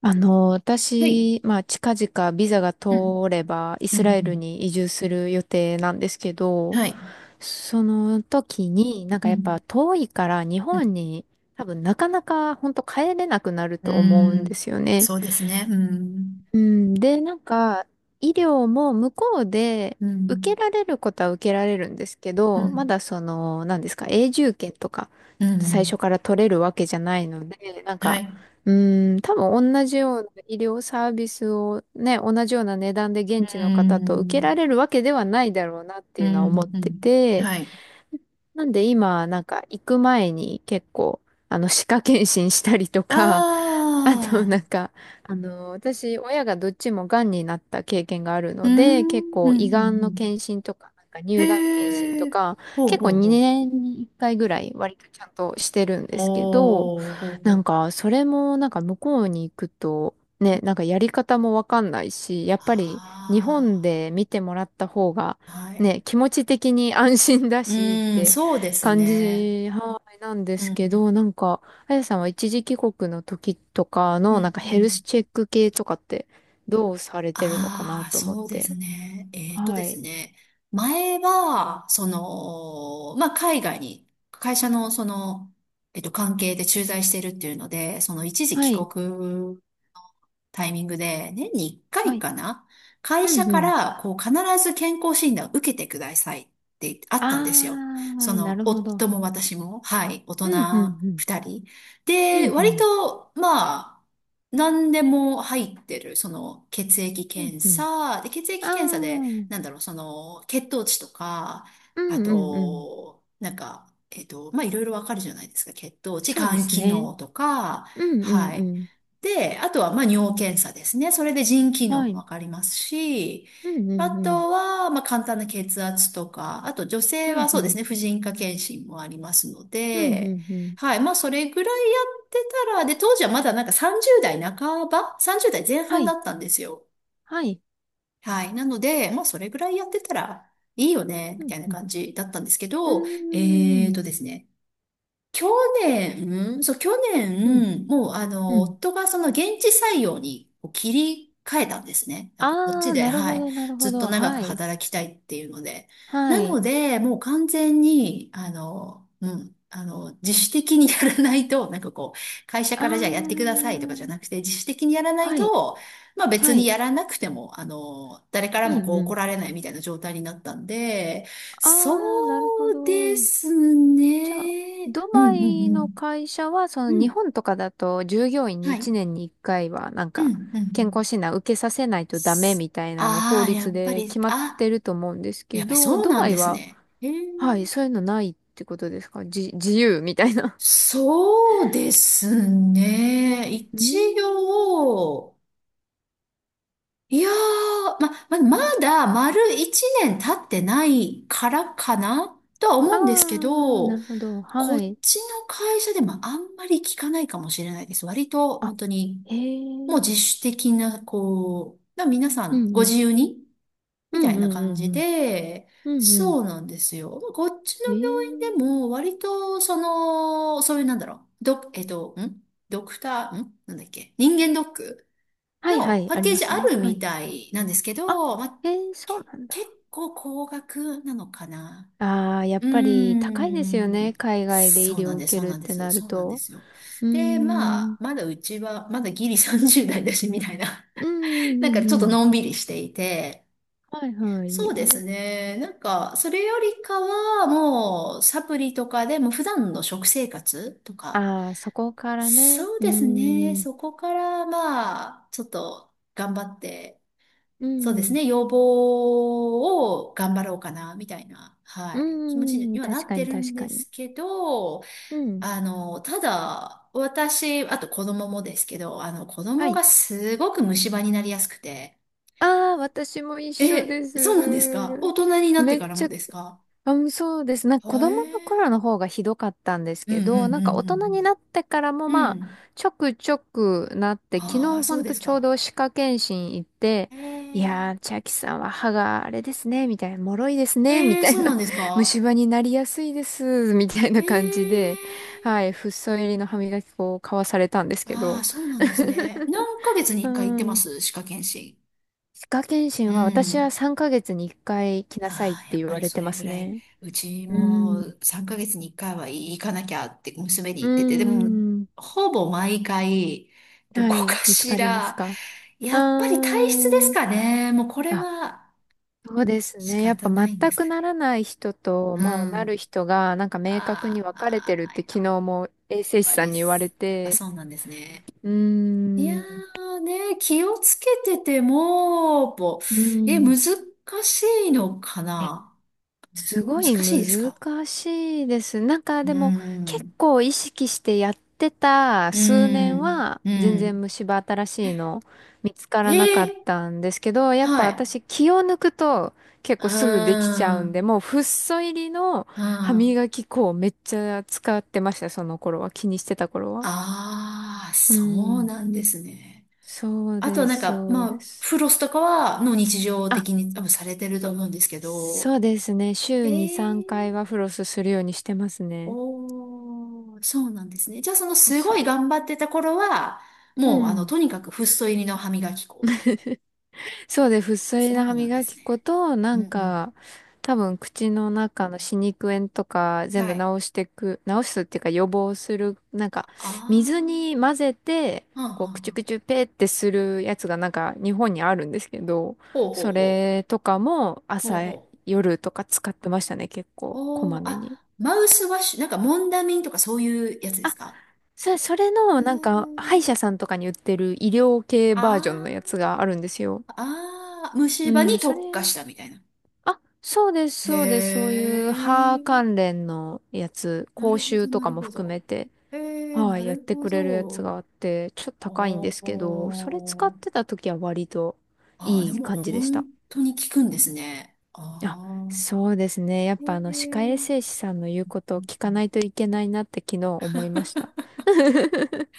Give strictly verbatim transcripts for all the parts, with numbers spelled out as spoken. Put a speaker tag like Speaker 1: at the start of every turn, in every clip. Speaker 1: あの、
Speaker 2: はい。
Speaker 1: 私、まあ、近々ビザが通
Speaker 2: うん、
Speaker 1: ればイ
Speaker 2: うん、う
Speaker 1: スラエル
Speaker 2: ん、
Speaker 1: に移住する予定なんですけど、
Speaker 2: はい。
Speaker 1: その時になんか
Speaker 2: う
Speaker 1: やっぱ
Speaker 2: ん、
Speaker 1: 遠いから日
Speaker 2: うん、
Speaker 1: 本に多分なかなか本当帰れなくなる
Speaker 2: うー
Speaker 1: と思うんで
Speaker 2: ん、
Speaker 1: すよね。
Speaker 2: そうですね。うん、
Speaker 1: うん、で、なんか、医療も向こうで
Speaker 2: う
Speaker 1: 受け
Speaker 2: ん、
Speaker 1: られることは受けられるんですけ
Speaker 2: う
Speaker 1: ど、ま
Speaker 2: ん、
Speaker 1: だその、何ですか、永住権とか、
Speaker 2: う
Speaker 1: 最初
Speaker 2: ん、
Speaker 1: から取れるわけじゃないので、なん
Speaker 2: は
Speaker 1: か、
Speaker 2: い。
Speaker 1: うん、多分同じような医療サービスをね、同じような値段で
Speaker 2: う
Speaker 1: 現
Speaker 2: ー
Speaker 1: 地の方と受けら
Speaker 2: ん、
Speaker 1: れるわけではないだろうなって
Speaker 2: う
Speaker 1: いうのは思っ
Speaker 2: ん、う
Speaker 1: て
Speaker 2: ん。
Speaker 1: て、
Speaker 2: はい。
Speaker 1: なんで今、なんか行く前に結構、あの、歯科検診したりとか、
Speaker 2: あ
Speaker 1: あの、
Speaker 2: あ、
Speaker 1: なんか、あの、私、親がどっちもがんになった経験がある
Speaker 2: うー
Speaker 1: ので、結
Speaker 2: ん、うん、う
Speaker 1: 構胃がん
Speaker 2: ん、う
Speaker 1: の
Speaker 2: ん。
Speaker 1: 検診とか、なんか乳がん検診
Speaker 2: へ
Speaker 1: と
Speaker 2: え。
Speaker 1: か、
Speaker 2: ほう
Speaker 1: 結構
Speaker 2: ほうほう。
Speaker 1: にねんにいっかいぐらい割とちゃんとしてるんですけど、
Speaker 2: おー、ほう
Speaker 1: な
Speaker 2: ほ
Speaker 1: ん
Speaker 2: う。
Speaker 1: か、それもなんか向こうに行くと、ね、なんかやり方もわかんないし、やっぱり日本
Speaker 2: あ
Speaker 1: で見てもらった方が、
Speaker 2: あ、はい。
Speaker 1: ね、気持ち的に安心だ
Speaker 2: う
Speaker 1: しっ
Speaker 2: ーん、
Speaker 1: て
Speaker 2: そうです
Speaker 1: 感
Speaker 2: ね。
Speaker 1: じ、はい、なんで
Speaker 2: う
Speaker 1: すけ
Speaker 2: ん、
Speaker 1: ど、なんか、あやさんは一時帰国の時とか
Speaker 2: う
Speaker 1: のなん
Speaker 2: ん、
Speaker 1: か
Speaker 2: う
Speaker 1: ヘル
Speaker 2: ん、
Speaker 1: スチェック系とかってどうされてるのかな
Speaker 2: ああ、
Speaker 1: と思っ
Speaker 2: そうです
Speaker 1: て。
Speaker 2: ね。えっとで
Speaker 1: は
Speaker 2: す
Speaker 1: い。
Speaker 2: ね。前は、その、まあ、海外に、会社のその、えっと、関係で駐在してるっていうので、その一時
Speaker 1: は
Speaker 2: 帰
Speaker 1: い。
Speaker 2: 国タイミングで、年にいっかいか
Speaker 1: は
Speaker 2: い
Speaker 1: い。
Speaker 2: かな、会
Speaker 1: う
Speaker 2: 社
Speaker 1: んう
Speaker 2: か
Speaker 1: ん。
Speaker 2: ら、こう、必ず健康診断を受けてくださいってあったんです
Speaker 1: あ
Speaker 2: よ。そ
Speaker 1: ー、な
Speaker 2: の、
Speaker 1: るほ
Speaker 2: 夫
Speaker 1: ど。
Speaker 2: も私も、はい、大人
Speaker 1: うんうんうん。
Speaker 2: ふたり。
Speaker 1: う
Speaker 2: で、
Speaker 1: んう
Speaker 2: 割
Speaker 1: ん。
Speaker 2: と、まあ、何でも入ってる、その、血液
Speaker 1: うん
Speaker 2: 検
Speaker 1: うん。
Speaker 2: 査、で、血液
Speaker 1: あ
Speaker 2: 検査で、
Speaker 1: ー、
Speaker 2: なんだろう、その、血糖値とか、
Speaker 1: う
Speaker 2: あ
Speaker 1: んうんうん。
Speaker 2: と、なんか、えっと、まあ、いろいろわかるじゃないですか。血糖値、
Speaker 1: そうで
Speaker 2: 肝
Speaker 1: す
Speaker 2: 機
Speaker 1: ね。
Speaker 2: 能とか、
Speaker 1: うんう
Speaker 2: は
Speaker 1: んう
Speaker 2: い。
Speaker 1: ん。
Speaker 2: で、あとは、まあ、尿検査ですね。それで腎機能
Speaker 1: は
Speaker 2: も
Speaker 1: い。
Speaker 2: わかりますし、
Speaker 1: うんう
Speaker 2: あ
Speaker 1: んうん。
Speaker 2: とは、まあ、簡単な血圧とか、あと女性
Speaker 1: うん
Speaker 2: は
Speaker 1: う
Speaker 2: そうです
Speaker 1: ん。
Speaker 2: ね、婦人科検診もありますの
Speaker 1: うんう
Speaker 2: で、
Speaker 1: んうん。
Speaker 2: はい、まあ、それぐらいやってたら、で、当時はまだなんかさんじゅう代半ば ?さんじゅう 代前
Speaker 1: は
Speaker 2: 半だ
Speaker 1: い。
Speaker 2: ったんですよ。
Speaker 1: はい。
Speaker 2: はい。なので、まあ、それぐらいやってたらいいよね、
Speaker 1: う
Speaker 2: み
Speaker 1: ん
Speaker 2: たいな
Speaker 1: うん。
Speaker 2: 感じだったんですけ
Speaker 1: うー
Speaker 2: ど、えー
Speaker 1: ん。
Speaker 2: とですね、去年、うんそう、去
Speaker 1: うん
Speaker 2: 年、もう、あ
Speaker 1: う
Speaker 2: の、
Speaker 1: ん。
Speaker 2: 夫がその現地採用にこう切り替えたんですね。なんかこっち
Speaker 1: あー、
Speaker 2: で、
Speaker 1: なる
Speaker 2: は
Speaker 1: ほ
Speaker 2: い、
Speaker 1: ど、なる
Speaker 2: ず
Speaker 1: ほ
Speaker 2: っと
Speaker 1: ど。
Speaker 2: 長く
Speaker 1: はい。
Speaker 2: 働きたいっていうので。
Speaker 1: は
Speaker 2: なの
Speaker 1: い。
Speaker 2: で、もう完全に、あの、うん、あの、自主的にやらないと、なんかこう、会社
Speaker 1: あー、
Speaker 2: からじゃあやってくださいとかじゃなくて、自主的にやらない
Speaker 1: はい、
Speaker 2: と、まあ別
Speaker 1: は
Speaker 2: に
Speaker 1: い。
Speaker 2: やらなくても、あの、誰から
Speaker 1: う
Speaker 2: もこ
Speaker 1: ん
Speaker 2: う
Speaker 1: う
Speaker 2: 怒
Speaker 1: ん。
Speaker 2: られないみたいな状態になったんで、そ
Speaker 1: あー、なるほ
Speaker 2: うで
Speaker 1: ど。
Speaker 2: す
Speaker 1: じゃあ、
Speaker 2: ね。
Speaker 1: ド
Speaker 2: うんう
Speaker 1: バ
Speaker 2: んう
Speaker 1: イの
Speaker 2: ん。
Speaker 1: 会社は、そ
Speaker 2: う
Speaker 1: の日
Speaker 2: ん。
Speaker 1: 本とかだと従業員に
Speaker 2: はい。
Speaker 1: 1
Speaker 2: う
Speaker 1: 年にいっかいは、なんか、
Speaker 2: んう
Speaker 1: 健
Speaker 2: ん。
Speaker 1: 康診断受けさせないとダメみたいなの法
Speaker 2: ああー、や
Speaker 1: 律
Speaker 2: っぱ
Speaker 1: で
Speaker 2: り、
Speaker 1: 決まって
Speaker 2: あ、
Speaker 1: ると思うんですけ
Speaker 2: やっぱり
Speaker 1: ど、
Speaker 2: そう
Speaker 1: ド
Speaker 2: なん
Speaker 1: バ
Speaker 2: で
Speaker 1: イ
Speaker 2: す
Speaker 1: は、
Speaker 2: ね。えー、
Speaker 1: はい、そういうのないってことですかじ、自由みたいな。
Speaker 2: そうですね。
Speaker 1: うー
Speaker 2: 一
Speaker 1: ん。
Speaker 2: 応、いやー、ま、ま、まだ丸一年経ってないからかなとは
Speaker 1: あ
Speaker 2: 思うんですけ
Speaker 1: ー、な
Speaker 2: ど、
Speaker 1: るほど。
Speaker 2: こ
Speaker 1: は
Speaker 2: っ
Speaker 1: い。
Speaker 2: ちの会社でもあんまり聞かないかもしれないです。割と本
Speaker 1: あ、
Speaker 2: 当に
Speaker 1: へ
Speaker 2: もう
Speaker 1: え。
Speaker 2: 自主的な、こう、だから皆さ
Speaker 1: う
Speaker 2: ん
Speaker 1: ん
Speaker 2: ご
Speaker 1: うん。
Speaker 2: 自由に
Speaker 1: う
Speaker 2: みた
Speaker 1: ん
Speaker 2: い
Speaker 1: う
Speaker 2: な
Speaker 1: んう
Speaker 2: 感
Speaker 1: ん
Speaker 2: じ
Speaker 1: うん。
Speaker 2: で、
Speaker 1: うんうん。
Speaker 2: そうなんですよ。こっちの
Speaker 1: えー。
Speaker 2: 病院でも割と、その、そういうなんだろう、ド、えっと、んドクター、んなんだっけ人間ドック
Speaker 1: はいは
Speaker 2: の
Speaker 1: い、
Speaker 2: パッ
Speaker 1: あり
Speaker 2: ケー
Speaker 1: ま
Speaker 2: ジ
Speaker 1: す
Speaker 2: あ
Speaker 1: ね。
Speaker 2: る
Speaker 1: は
Speaker 2: み
Speaker 1: い。
Speaker 2: たいなんですけ
Speaker 1: あ、
Speaker 2: ど、まあ、
Speaker 1: えー、そう
Speaker 2: け
Speaker 1: なん
Speaker 2: 結
Speaker 1: だ。
Speaker 2: 構高額なのかな。
Speaker 1: ああ、やっ
Speaker 2: うー
Speaker 1: ぱり高いですよ
Speaker 2: ん。
Speaker 1: ね。海外で医
Speaker 2: そう
Speaker 1: 療
Speaker 2: な
Speaker 1: を
Speaker 2: ん
Speaker 1: 受
Speaker 2: です、
Speaker 1: け
Speaker 2: そう
Speaker 1: るっ
Speaker 2: なんで
Speaker 1: て
Speaker 2: す、
Speaker 1: なる
Speaker 2: そうなんで
Speaker 1: と。
Speaker 2: すよ。
Speaker 1: うー
Speaker 2: で、ま
Speaker 1: ん。
Speaker 2: あ、まだうちは、まだギリさんじゅう代だし、みたいな。
Speaker 1: うん
Speaker 2: なん
Speaker 1: う
Speaker 2: か
Speaker 1: んうん
Speaker 2: ちょっ
Speaker 1: う
Speaker 2: と
Speaker 1: ん。
Speaker 2: のんびりしていて、
Speaker 1: はいは
Speaker 2: そうで
Speaker 1: い。
Speaker 2: すね。なんか、それよりかは、もう、サプリとかでも普段の食生活とか、
Speaker 1: ああ、そこからね。
Speaker 2: そう
Speaker 1: うー
Speaker 2: ですね。
Speaker 1: ん。
Speaker 2: そこから、まあ、ちょっと頑張って、
Speaker 1: う
Speaker 2: そうです
Speaker 1: ん。
Speaker 2: ね。要望を頑張ろうかな、みたいな、は
Speaker 1: う
Speaker 2: い、気持ち
Speaker 1: ー
Speaker 2: に
Speaker 1: ん。
Speaker 2: はな
Speaker 1: 確
Speaker 2: っ
Speaker 1: か
Speaker 2: て
Speaker 1: に
Speaker 2: る
Speaker 1: 確
Speaker 2: ん
Speaker 1: か
Speaker 2: で
Speaker 1: に。
Speaker 2: すけど、
Speaker 1: うん。
Speaker 2: あの、ただ、私、あと子供もですけど、あの、子
Speaker 1: は
Speaker 2: 供が
Speaker 1: い。
Speaker 2: すごく虫歯になりやすくて、
Speaker 1: ああ、私も一緒で
Speaker 2: え、
Speaker 1: す。
Speaker 2: そうなんですか？大人になって
Speaker 1: めっ
Speaker 2: から
Speaker 1: ち
Speaker 2: も
Speaker 1: ゃ
Speaker 2: ですか？
Speaker 1: うんそうです。なんか子
Speaker 2: はえ
Speaker 1: 供
Speaker 2: ー。
Speaker 1: の頃の方がひどかったんです
Speaker 2: うんう
Speaker 1: けど、なんか大人
Speaker 2: ん
Speaker 1: になってからも
Speaker 2: うんうんう
Speaker 1: ま
Speaker 2: ん。う
Speaker 1: あ、
Speaker 2: ん。
Speaker 1: ちょくちょくなって、昨
Speaker 2: ああ、
Speaker 1: 日ほ
Speaker 2: そう
Speaker 1: ん
Speaker 2: で
Speaker 1: と
Speaker 2: す
Speaker 1: ちょう
Speaker 2: か。
Speaker 1: ど歯科検診行って、
Speaker 2: え
Speaker 1: いや
Speaker 2: え。
Speaker 1: ー、千秋さんは歯があれですね、みたいな、脆いですね、み
Speaker 2: ええ、
Speaker 1: たい
Speaker 2: そうなん
Speaker 1: な、
Speaker 2: です
Speaker 1: 虫
Speaker 2: か？
Speaker 1: 歯になりやすいです、みたい
Speaker 2: え
Speaker 1: な感じで、はい、
Speaker 2: え。
Speaker 1: フッ素入りの歯磨き粉を買わされたんですけ
Speaker 2: ああ、
Speaker 1: ど、
Speaker 2: そうなんです ね。何ヶ月に
Speaker 1: う
Speaker 2: いっかい行ってま
Speaker 1: ん。
Speaker 2: す？歯科検診。
Speaker 1: 歯科検
Speaker 2: う
Speaker 1: 診は私は
Speaker 2: ん。
Speaker 1: さんかげつにいっかい来なさいっ
Speaker 2: ああ、
Speaker 1: て
Speaker 2: やっ
Speaker 1: 言
Speaker 2: ぱ
Speaker 1: わ
Speaker 2: り
Speaker 1: れ
Speaker 2: そ
Speaker 1: てま
Speaker 2: れぐ
Speaker 1: す
Speaker 2: らい、
Speaker 1: ね。
Speaker 2: うち
Speaker 1: う
Speaker 2: も
Speaker 1: ん。
Speaker 2: さんかげつにいっかいは行かなきゃって娘に
Speaker 1: うー
Speaker 2: 言ってて、でも、
Speaker 1: ん。
Speaker 2: ほぼ毎回、ど
Speaker 1: は
Speaker 2: こか
Speaker 1: い。見つ
Speaker 2: し
Speaker 1: かります
Speaker 2: ら、
Speaker 1: か？う
Speaker 2: やっぱり体質で
Speaker 1: ー
Speaker 2: す
Speaker 1: ん。
Speaker 2: かね。もうこれ
Speaker 1: あ、
Speaker 2: は
Speaker 1: そうです
Speaker 2: 仕
Speaker 1: ね。やっぱ
Speaker 2: 方ないんで
Speaker 1: 全
Speaker 2: すか
Speaker 1: くな
Speaker 2: ね。
Speaker 1: らない人と、
Speaker 2: う
Speaker 1: まあ、なる
Speaker 2: ん。
Speaker 1: 人が、なんか明確に分かれてる
Speaker 2: あ
Speaker 1: っ
Speaker 2: あ、
Speaker 1: て
Speaker 2: や
Speaker 1: 昨
Speaker 2: っ
Speaker 1: 日も衛生士
Speaker 2: ぱ
Speaker 1: さん
Speaker 2: り
Speaker 1: に言われ
Speaker 2: す、やっぱ
Speaker 1: て、
Speaker 2: そうなんですね。
Speaker 1: うー
Speaker 2: いや
Speaker 1: ん。う
Speaker 2: ーね、気をつけてても、ぼえ、難
Speaker 1: ん。
Speaker 2: しいのか
Speaker 1: え
Speaker 2: な？む
Speaker 1: す
Speaker 2: ず、
Speaker 1: ご
Speaker 2: 難
Speaker 1: い
Speaker 2: しいです
Speaker 1: 難
Speaker 2: か？
Speaker 1: しいです。なんか
Speaker 2: う
Speaker 1: で
Speaker 2: ー
Speaker 1: も結
Speaker 2: ん。
Speaker 1: 構意識してやってた
Speaker 2: う
Speaker 1: 数年
Speaker 2: ーん、
Speaker 1: は
Speaker 2: う
Speaker 1: 全
Speaker 2: ん。
Speaker 1: 然虫歯新しいの見つからな
Speaker 2: え
Speaker 1: かっ
Speaker 2: え、
Speaker 1: たんですけど、やっぱ
Speaker 2: はい。
Speaker 1: 私気を抜くと結
Speaker 2: う
Speaker 1: 構すぐできちゃ
Speaker 2: ー
Speaker 1: うんで、
Speaker 2: ん、
Speaker 1: もうフッ素入りの
Speaker 2: う
Speaker 1: 歯
Speaker 2: ん。
Speaker 1: 磨き粉をめっちゃ使ってました、その頃は。気にしてた頃は。
Speaker 2: ああ、
Speaker 1: う
Speaker 2: そう
Speaker 1: ん。
Speaker 2: なんですね。
Speaker 1: そう
Speaker 2: あと
Speaker 1: で
Speaker 2: なん
Speaker 1: す、
Speaker 2: か、
Speaker 1: そう
Speaker 2: ま
Speaker 1: で
Speaker 2: あ、
Speaker 1: す。
Speaker 2: フロスとかは、の日常
Speaker 1: あ、
Speaker 2: 的に多分されてると思うんですけ
Speaker 1: そ
Speaker 2: ど、
Speaker 1: うですね。
Speaker 2: え
Speaker 1: 週に3
Speaker 2: え、
Speaker 1: 回はフロスするようにしてますね。
Speaker 2: おー、そうなんですね。じゃあそのす
Speaker 1: そ
Speaker 2: ごい
Speaker 1: う。
Speaker 2: 頑張ってた頃は、
Speaker 1: う
Speaker 2: もうあの、
Speaker 1: ん。
Speaker 2: とにかくフッ素入りの歯磨き粉。
Speaker 1: そうで、不粋
Speaker 2: そ
Speaker 1: な歯
Speaker 2: うなんで
Speaker 1: 磨
Speaker 2: す
Speaker 1: き粉
Speaker 2: ね。
Speaker 1: と、な
Speaker 2: うん
Speaker 1: ん
Speaker 2: うん。
Speaker 1: か、多分口の中の歯肉炎とか全
Speaker 2: は
Speaker 1: 部治
Speaker 2: い。
Speaker 1: してく、治すっていうか予防する、なんか、水
Speaker 2: あ
Speaker 1: に混ぜて、
Speaker 2: あ、はん
Speaker 1: こう、
Speaker 2: は
Speaker 1: く
Speaker 2: ん
Speaker 1: ちゅ
Speaker 2: はん。
Speaker 1: くちゅペーってするやつがなんか日本にあるんですけど、
Speaker 2: ほうほう
Speaker 1: そ
Speaker 2: ほ
Speaker 1: れとかも
Speaker 2: う。ほ
Speaker 1: 朝、
Speaker 2: うほう。
Speaker 1: 夜とか使ってましたね、結構、こ
Speaker 2: お
Speaker 1: ま
Speaker 2: ー、
Speaker 1: め
Speaker 2: あ、
Speaker 1: に。
Speaker 2: マウスワッシュ、なんかモンダミンとかそういうやつです
Speaker 1: あ、
Speaker 2: か？
Speaker 1: そ、それ
Speaker 2: う
Speaker 1: の、
Speaker 2: ー
Speaker 1: なんか、歯医
Speaker 2: ん。
Speaker 1: 者さんとかに売ってる医療系バージョンのや
Speaker 2: あ
Speaker 1: つがあるんですよ。
Speaker 2: あああ、虫歯に
Speaker 1: うん、それ
Speaker 2: 特化したみたいな。
Speaker 1: あ、そうです、
Speaker 2: へ
Speaker 1: そうです。そういう歯関
Speaker 2: ー。
Speaker 1: 連のやつ、
Speaker 2: な
Speaker 1: 講
Speaker 2: るほ
Speaker 1: 習
Speaker 2: ど、
Speaker 1: と
Speaker 2: な
Speaker 1: か
Speaker 2: る
Speaker 1: も
Speaker 2: ほ
Speaker 1: 含め
Speaker 2: ど。
Speaker 1: て、
Speaker 2: へー、
Speaker 1: は
Speaker 2: な
Speaker 1: い、やっ
Speaker 2: る
Speaker 1: て
Speaker 2: ほ
Speaker 1: くれるやつ
Speaker 2: ど。
Speaker 1: があって、ちょっと
Speaker 2: あ
Speaker 1: 高いんですけど、それ使っ
Speaker 2: ー。
Speaker 1: てた時は割と
Speaker 2: ああ、
Speaker 1: い
Speaker 2: で
Speaker 1: い
Speaker 2: も
Speaker 1: 感じでした。
Speaker 2: 本当に効くんですね。あ
Speaker 1: あ、
Speaker 2: あ、
Speaker 1: そうですね。やっ
Speaker 2: へ
Speaker 1: ぱあの、歯科衛
Speaker 2: え、
Speaker 1: 生士さんの言うことを聞かないといけないなって昨日思いました。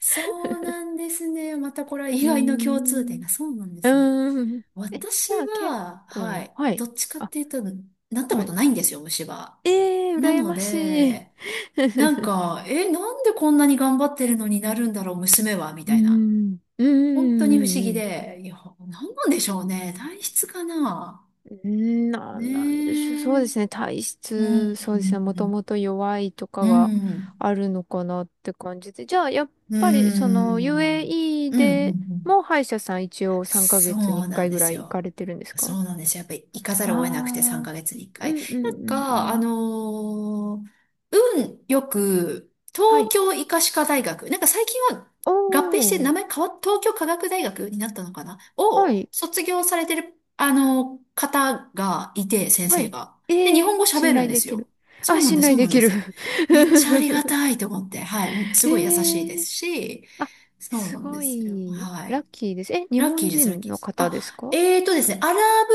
Speaker 2: そうなんですね。またこれは意
Speaker 1: うー
Speaker 2: 外の共通点
Speaker 1: ん。
Speaker 2: が。そうなんで
Speaker 1: う
Speaker 2: すね。
Speaker 1: ーん。え、
Speaker 2: 私
Speaker 1: じゃあ結
Speaker 2: は、は
Speaker 1: 構、
Speaker 2: い、
Speaker 1: はい。
Speaker 2: どっちかっ
Speaker 1: あ、
Speaker 2: ていうと、なった
Speaker 1: は
Speaker 2: こと
Speaker 1: い。
Speaker 2: ないんですよ、虫歯。
Speaker 1: ええー、
Speaker 2: な
Speaker 1: 羨
Speaker 2: の
Speaker 1: ましい。
Speaker 2: で、なんか、え、なんでこんなに頑張ってるのになるんだろう、娘は、み
Speaker 1: うー
Speaker 2: たいな。
Speaker 1: ん、う
Speaker 2: 本当に不思議
Speaker 1: ーん、う
Speaker 2: で、いや、なんなんでしょうね。体質かな。
Speaker 1: ーん、な、
Speaker 2: ね
Speaker 1: なんでしょう。そ
Speaker 2: え。
Speaker 1: う
Speaker 2: う
Speaker 1: で
Speaker 2: ん、
Speaker 1: すね。体
Speaker 2: う
Speaker 1: 質、そうですね。もと
Speaker 2: ん、
Speaker 1: もと弱いと
Speaker 2: う
Speaker 1: か
Speaker 2: ん、
Speaker 1: が
Speaker 2: うん。
Speaker 1: あるのかなって感じで。じゃあ、やっ
Speaker 2: う
Speaker 1: ぱり、その、
Speaker 2: ん、
Speaker 1: ユーエーイー
Speaker 2: うん、うん、うん、う
Speaker 1: で
Speaker 2: ん、うん、
Speaker 1: も歯医者さん一応3
Speaker 2: そ
Speaker 1: ヶ月に1
Speaker 2: うな
Speaker 1: 回
Speaker 2: んで
Speaker 1: ぐら
Speaker 2: す
Speaker 1: い行か
Speaker 2: よ。
Speaker 1: れてるんですか？
Speaker 2: そうなんですよ。やっぱり行かざ
Speaker 1: あ
Speaker 2: るを得なくて3
Speaker 1: あ
Speaker 2: ヶ月に1
Speaker 1: ー、う
Speaker 2: 回。
Speaker 1: ん、うん、
Speaker 2: なん
Speaker 1: う
Speaker 2: か、
Speaker 1: ん、う
Speaker 2: あ
Speaker 1: ん。
Speaker 2: のー運よく、
Speaker 1: は
Speaker 2: 東
Speaker 1: い。
Speaker 2: 京医科歯科大学、なんか最近は
Speaker 1: お
Speaker 2: 合併して名
Speaker 1: ー、
Speaker 2: 前変わっ、東京科学大学になったのかな、
Speaker 1: は
Speaker 2: を
Speaker 1: い、
Speaker 2: 卒業されてる、あのー方がいて、先
Speaker 1: は
Speaker 2: 生
Speaker 1: い。
Speaker 2: が。
Speaker 1: え
Speaker 2: で、日
Speaker 1: ー、
Speaker 2: 本語
Speaker 1: 信
Speaker 2: 喋るん
Speaker 1: 頼
Speaker 2: で
Speaker 1: で
Speaker 2: す
Speaker 1: き
Speaker 2: よ。
Speaker 1: る。
Speaker 2: そ
Speaker 1: あ、
Speaker 2: うなん
Speaker 1: 信
Speaker 2: です、
Speaker 1: 頼
Speaker 2: そう
Speaker 1: で
Speaker 2: なん
Speaker 1: き
Speaker 2: で
Speaker 1: る。
Speaker 2: す。めっちゃありがたいと思って。はい。もうす
Speaker 1: え
Speaker 2: ごい優しいです
Speaker 1: ー
Speaker 2: し、
Speaker 1: あ、
Speaker 2: そう
Speaker 1: す
Speaker 2: なんで
Speaker 1: ご
Speaker 2: すよ。
Speaker 1: い、
Speaker 2: は
Speaker 1: ラ
Speaker 2: い。
Speaker 1: ッキーです。え、日
Speaker 2: ラッ
Speaker 1: 本
Speaker 2: キーです、ラッ
Speaker 1: 人
Speaker 2: キー
Speaker 1: の
Speaker 2: です。
Speaker 1: 方
Speaker 2: あ、
Speaker 1: ですか？
Speaker 2: えーとですね、アラブ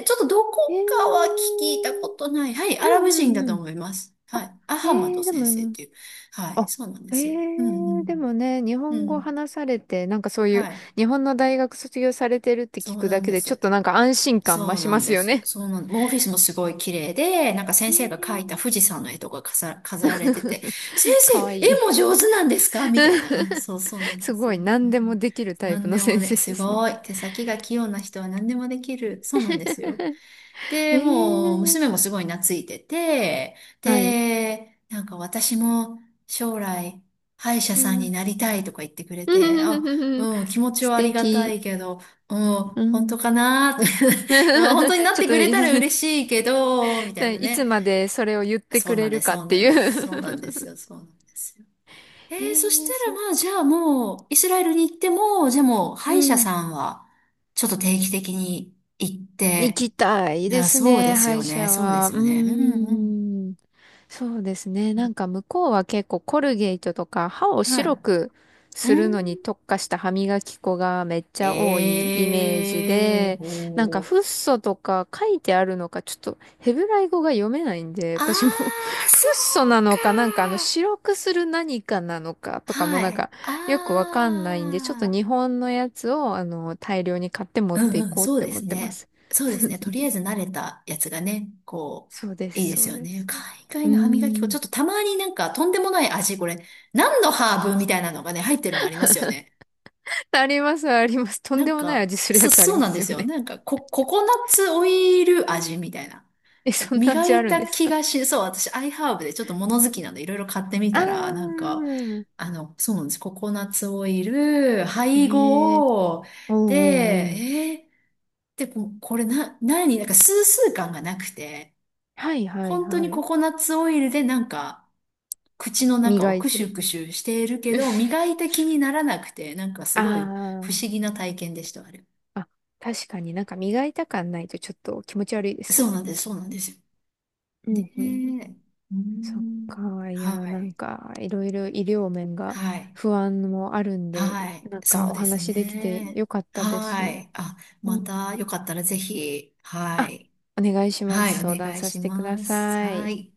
Speaker 2: 系、ちょっとど
Speaker 1: え
Speaker 2: こかは
Speaker 1: ー、
Speaker 2: 聞いたことない。はい、アラ
Speaker 1: うん
Speaker 2: ブ
Speaker 1: う
Speaker 2: 人
Speaker 1: ん
Speaker 2: だ
Speaker 1: う
Speaker 2: と
Speaker 1: ん。
Speaker 2: 思います。は
Speaker 1: あ、
Speaker 2: い。ア
Speaker 1: え
Speaker 2: ハマド
Speaker 1: ー、で
Speaker 2: 先生っ
Speaker 1: も、
Speaker 2: ていう。はい、
Speaker 1: あ、
Speaker 2: そうなんで
Speaker 1: え
Speaker 2: すよ。うんう
Speaker 1: ー、
Speaker 2: ん。
Speaker 1: でもね、日
Speaker 2: う
Speaker 1: 本語
Speaker 2: ん。
Speaker 1: 話されて、なんかそうい
Speaker 2: は
Speaker 1: う、
Speaker 2: い。
Speaker 1: 日本の大学卒業されてるって
Speaker 2: そ
Speaker 1: 聞
Speaker 2: う
Speaker 1: く
Speaker 2: な
Speaker 1: だ
Speaker 2: ん
Speaker 1: け
Speaker 2: で
Speaker 1: で、ちょっ
Speaker 2: す。
Speaker 1: となんか安心感増
Speaker 2: そう
Speaker 1: し
Speaker 2: な
Speaker 1: ま
Speaker 2: ん
Speaker 1: す
Speaker 2: で
Speaker 1: よ
Speaker 2: す。
Speaker 1: ね。
Speaker 2: そうなん、もうオフィスもすごい綺麗で、なんか
Speaker 1: え
Speaker 2: 先
Speaker 1: ー、
Speaker 2: 生が描いた富士山の絵とか飾ら、飾られてて、先
Speaker 1: か
Speaker 2: 生、
Speaker 1: わい
Speaker 2: 絵も
Speaker 1: い。
Speaker 2: 上手なんですか？みたいな。うん、そうそうなん で
Speaker 1: す
Speaker 2: す。
Speaker 1: ご
Speaker 2: う
Speaker 1: い、
Speaker 2: ん、
Speaker 1: 何でもできるタイプ
Speaker 2: 何
Speaker 1: の
Speaker 2: でも
Speaker 1: 先生
Speaker 2: ね、
Speaker 1: で
Speaker 2: す
Speaker 1: すね。
Speaker 2: ごい。手先が器用な人は何でもできる。そうなんですよ。
Speaker 1: え
Speaker 2: で、もう、
Speaker 1: ー、
Speaker 2: 娘もすごい懐いてて、
Speaker 1: はい。
Speaker 2: で、なんか私も将来、歯医者
Speaker 1: う
Speaker 2: さんに
Speaker 1: ん。
Speaker 2: なりたいとか言ってくれて、あ、うん、気持ち
Speaker 1: 素
Speaker 2: はありがた
Speaker 1: 敵。
Speaker 2: いけど、うん、
Speaker 1: う
Speaker 2: 本当
Speaker 1: ん。
Speaker 2: かな？ うん、本当になっ
Speaker 1: ちょっ
Speaker 2: て
Speaker 1: と
Speaker 2: くれたら嬉 しいけど、みたいな
Speaker 1: いつ
Speaker 2: ね。
Speaker 1: までそれを言って
Speaker 2: そ
Speaker 1: く
Speaker 2: うな
Speaker 1: れ
Speaker 2: ん
Speaker 1: る
Speaker 2: です、
Speaker 1: かっ
Speaker 2: そう
Speaker 1: て
Speaker 2: なん
Speaker 1: い
Speaker 2: です、そうなんです
Speaker 1: う。
Speaker 2: よ、そうなんですよ。え
Speaker 1: え
Speaker 2: ー、そした
Speaker 1: ー
Speaker 2: ら
Speaker 1: そっ
Speaker 2: まあ、じ
Speaker 1: か。
Speaker 2: ゃあ
Speaker 1: うん。
Speaker 2: もう、イスラエルに行っても、じゃあもう、歯
Speaker 1: う
Speaker 2: 医者
Speaker 1: ん
Speaker 2: さんは、ちょっと定期的に行っ
Speaker 1: 行
Speaker 2: て、
Speaker 1: きたい
Speaker 2: い
Speaker 1: で
Speaker 2: や、
Speaker 1: す
Speaker 2: そうで
Speaker 1: ね、
Speaker 2: す
Speaker 1: 歯
Speaker 2: よ
Speaker 1: 医
Speaker 2: ね。
Speaker 1: 者
Speaker 2: そうで
Speaker 1: は。
Speaker 2: す
Speaker 1: う
Speaker 2: よね。うん
Speaker 1: ー
Speaker 2: うん。
Speaker 1: ん。そうですね。
Speaker 2: う
Speaker 1: なん
Speaker 2: ん、
Speaker 1: か向こうは結構コルゲートとか歯を
Speaker 2: は
Speaker 1: 白
Speaker 2: い。
Speaker 1: く
Speaker 2: う
Speaker 1: するのに
Speaker 2: ん。
Speaker 1: 特化した歯磨き粉がめっちゃ多いイメージ
Speaker 2: ええー
Speaker 1: で、なんか
Speaker 2: ほう。
Speaker 1: フッ素とか書いてあるのかちょっとヘブライ語が読めないんで、
Speaker 2: あ
Speaker 1: 私も フッ
Speaker 2: あ、そ
Speaker 1: 素
Speaker 2: う
Speaker 1: なのかなんかあの
Speaker 2: か。
Speaker 1: 白くする何かなのかとかも
Speaker 2: は
Speaker 1: なん
Speaker 2: い。
Speaker 1: かよくわかんないんで、ちょっと
Speaker 2: ああ。
Speaker 1: 日本のやつをあの大量に買って持っ
Speaker 2: う
Speaker 1: て
Speaker 2: ん
Speaker 1: い
Speaker 2: うん、
Speaker 1: こうっ
Speaker 2: そう
Speaker 1: て
Speaker 2: で
Speaker 1: 思っ
Speaker 2: す
Speaker 1: てま
Speaker 2: ね。
Speaker 1: す。
Speaker 2: そうですね。とりあえず慣れたやつがね、こ
Speaker 1: そうで
Speaker 2: う、い
Speaker 1: す、
Speaker 2: いで
Speaker 1: そ
Speaker 2: す
Speaker 1: う
Speaker 2: よ
Speaker 1: で
Speaker 2: ね。
Speaker 1: す。
Speaker 2: 海
Speaker 1: うー
Speaker 2: 外の歯磨き粉、ち
Speaker 1: ん。
Speaker 2: ょっとたまになんかとんでもない味、これ、何のハーブみたいなのがね、入ってるのありますよね。
Speaker 1: あります、あります。とん
Speaker 2: な
Speaker 1: で
Speaker 2: ん
Speaker 1: もない
Speaker 2: か、
Speaker 1: 味するや
Speaker 2: そ、
Speaker 1: つあり
Speaker 2: そう
Speaker 1: ま
Speaker 2: なんで
Speaker 1: すよ
Speaker 2: すよ。
Speaker 1: ね。
Speaker 2: なんか、コココナッツオイル味みたいな。
Speaker 1: え、そんな
Speaker 2: 磨
Speaker 1: 味あ
Speaker 2: い
Speaker 1: るん
Speaker 2: た
Speaker 1: です
Speaker 2: 気
Speaker 1: か？
Speaker 2: がし、そう、私、アイハーブでちょっと物好きなんで、いろいろ買ってみ
Speaker 1: あ
Speaker 2: たら、なんか、
Speaker 1: ー。
Speaker 2: あの、そうなんです。ココナッツオイル、
Speaker 1: え
Speaker 2: 配
Speaker 1: えー
Speaker 2: 合、
Speaker 1: おう
Speaker 2: で、
Speaker 1: おうおう。
Speaker 2: えー、で、ここれな、何なんか、スースー感がなくて、
Speaker 1: はいはい
Speaker 2: 本当
Speaker 1: は
Speaker 2: にコ
Speaker 1: い。
Speaker 2: コナッツオイルで、なんか、口の中を
Speaker 1: 磨い
Speaker 2: ク
Speaker 1: て
Speaker 2: シュ
Speaker 1: る。
Speaker 2: クシュしているけど、磨いた気にならなくて、なんかす
Speaker 1: あ
Speaker 2: ごい不思議な体験でした、あれ。
Speaker 1: あ。あ、確かになんか磨いた感ないとちょっと気持ち悪いですよ
Speaker 2: そうな
Speaker 1: ね。
Speaker 2: んです、そうなんですよ。
Speaker 1: う
Speaker 2: ね
Speaker 1: んうん。
Speaker 2: え。うー
Speaker 1: そっ
Speaker 2: ん。
Speaker 1: か。いや、
Speaker 2: は
Speaker 1: なん
Speaker 2: い。
Speaker 1: かいろいろ医療面が
Speaker 2: はい。
Speaker 1: 不安もあるんで、
Speaker 2: はい。
Speaker 1: なん
Speaker 2: そ
Speaker 1: か
Speaker 2: う
Speaker 1: お
Speaker 2: です
Speaker 1: 話できて
Speaker 2: ね。
Speaker 1: よかったで
Speaker 2: は
Speaker 1: す。
Speaker 2: い。あ、
Speaker 1: う
Speaker 2: ま
Speaker 1: ん
Speaker 2: たよかったらぜひ、は
Speaker 1: あ、
Speaker 2: い。
Speaker 1: お願いしま
Speaker 2: は
Speaker 1: す。相
Speaker 2: い、お
Speaker 1: 談
Speaker 2: 願い
Speaker 1: さ
Speaker 2: し
Speaker 1: せてくだ
Speaker 2: ます。
Speaker 1: さ
Speaker 2: は
Speaker 1: い。
Speaker 2: い。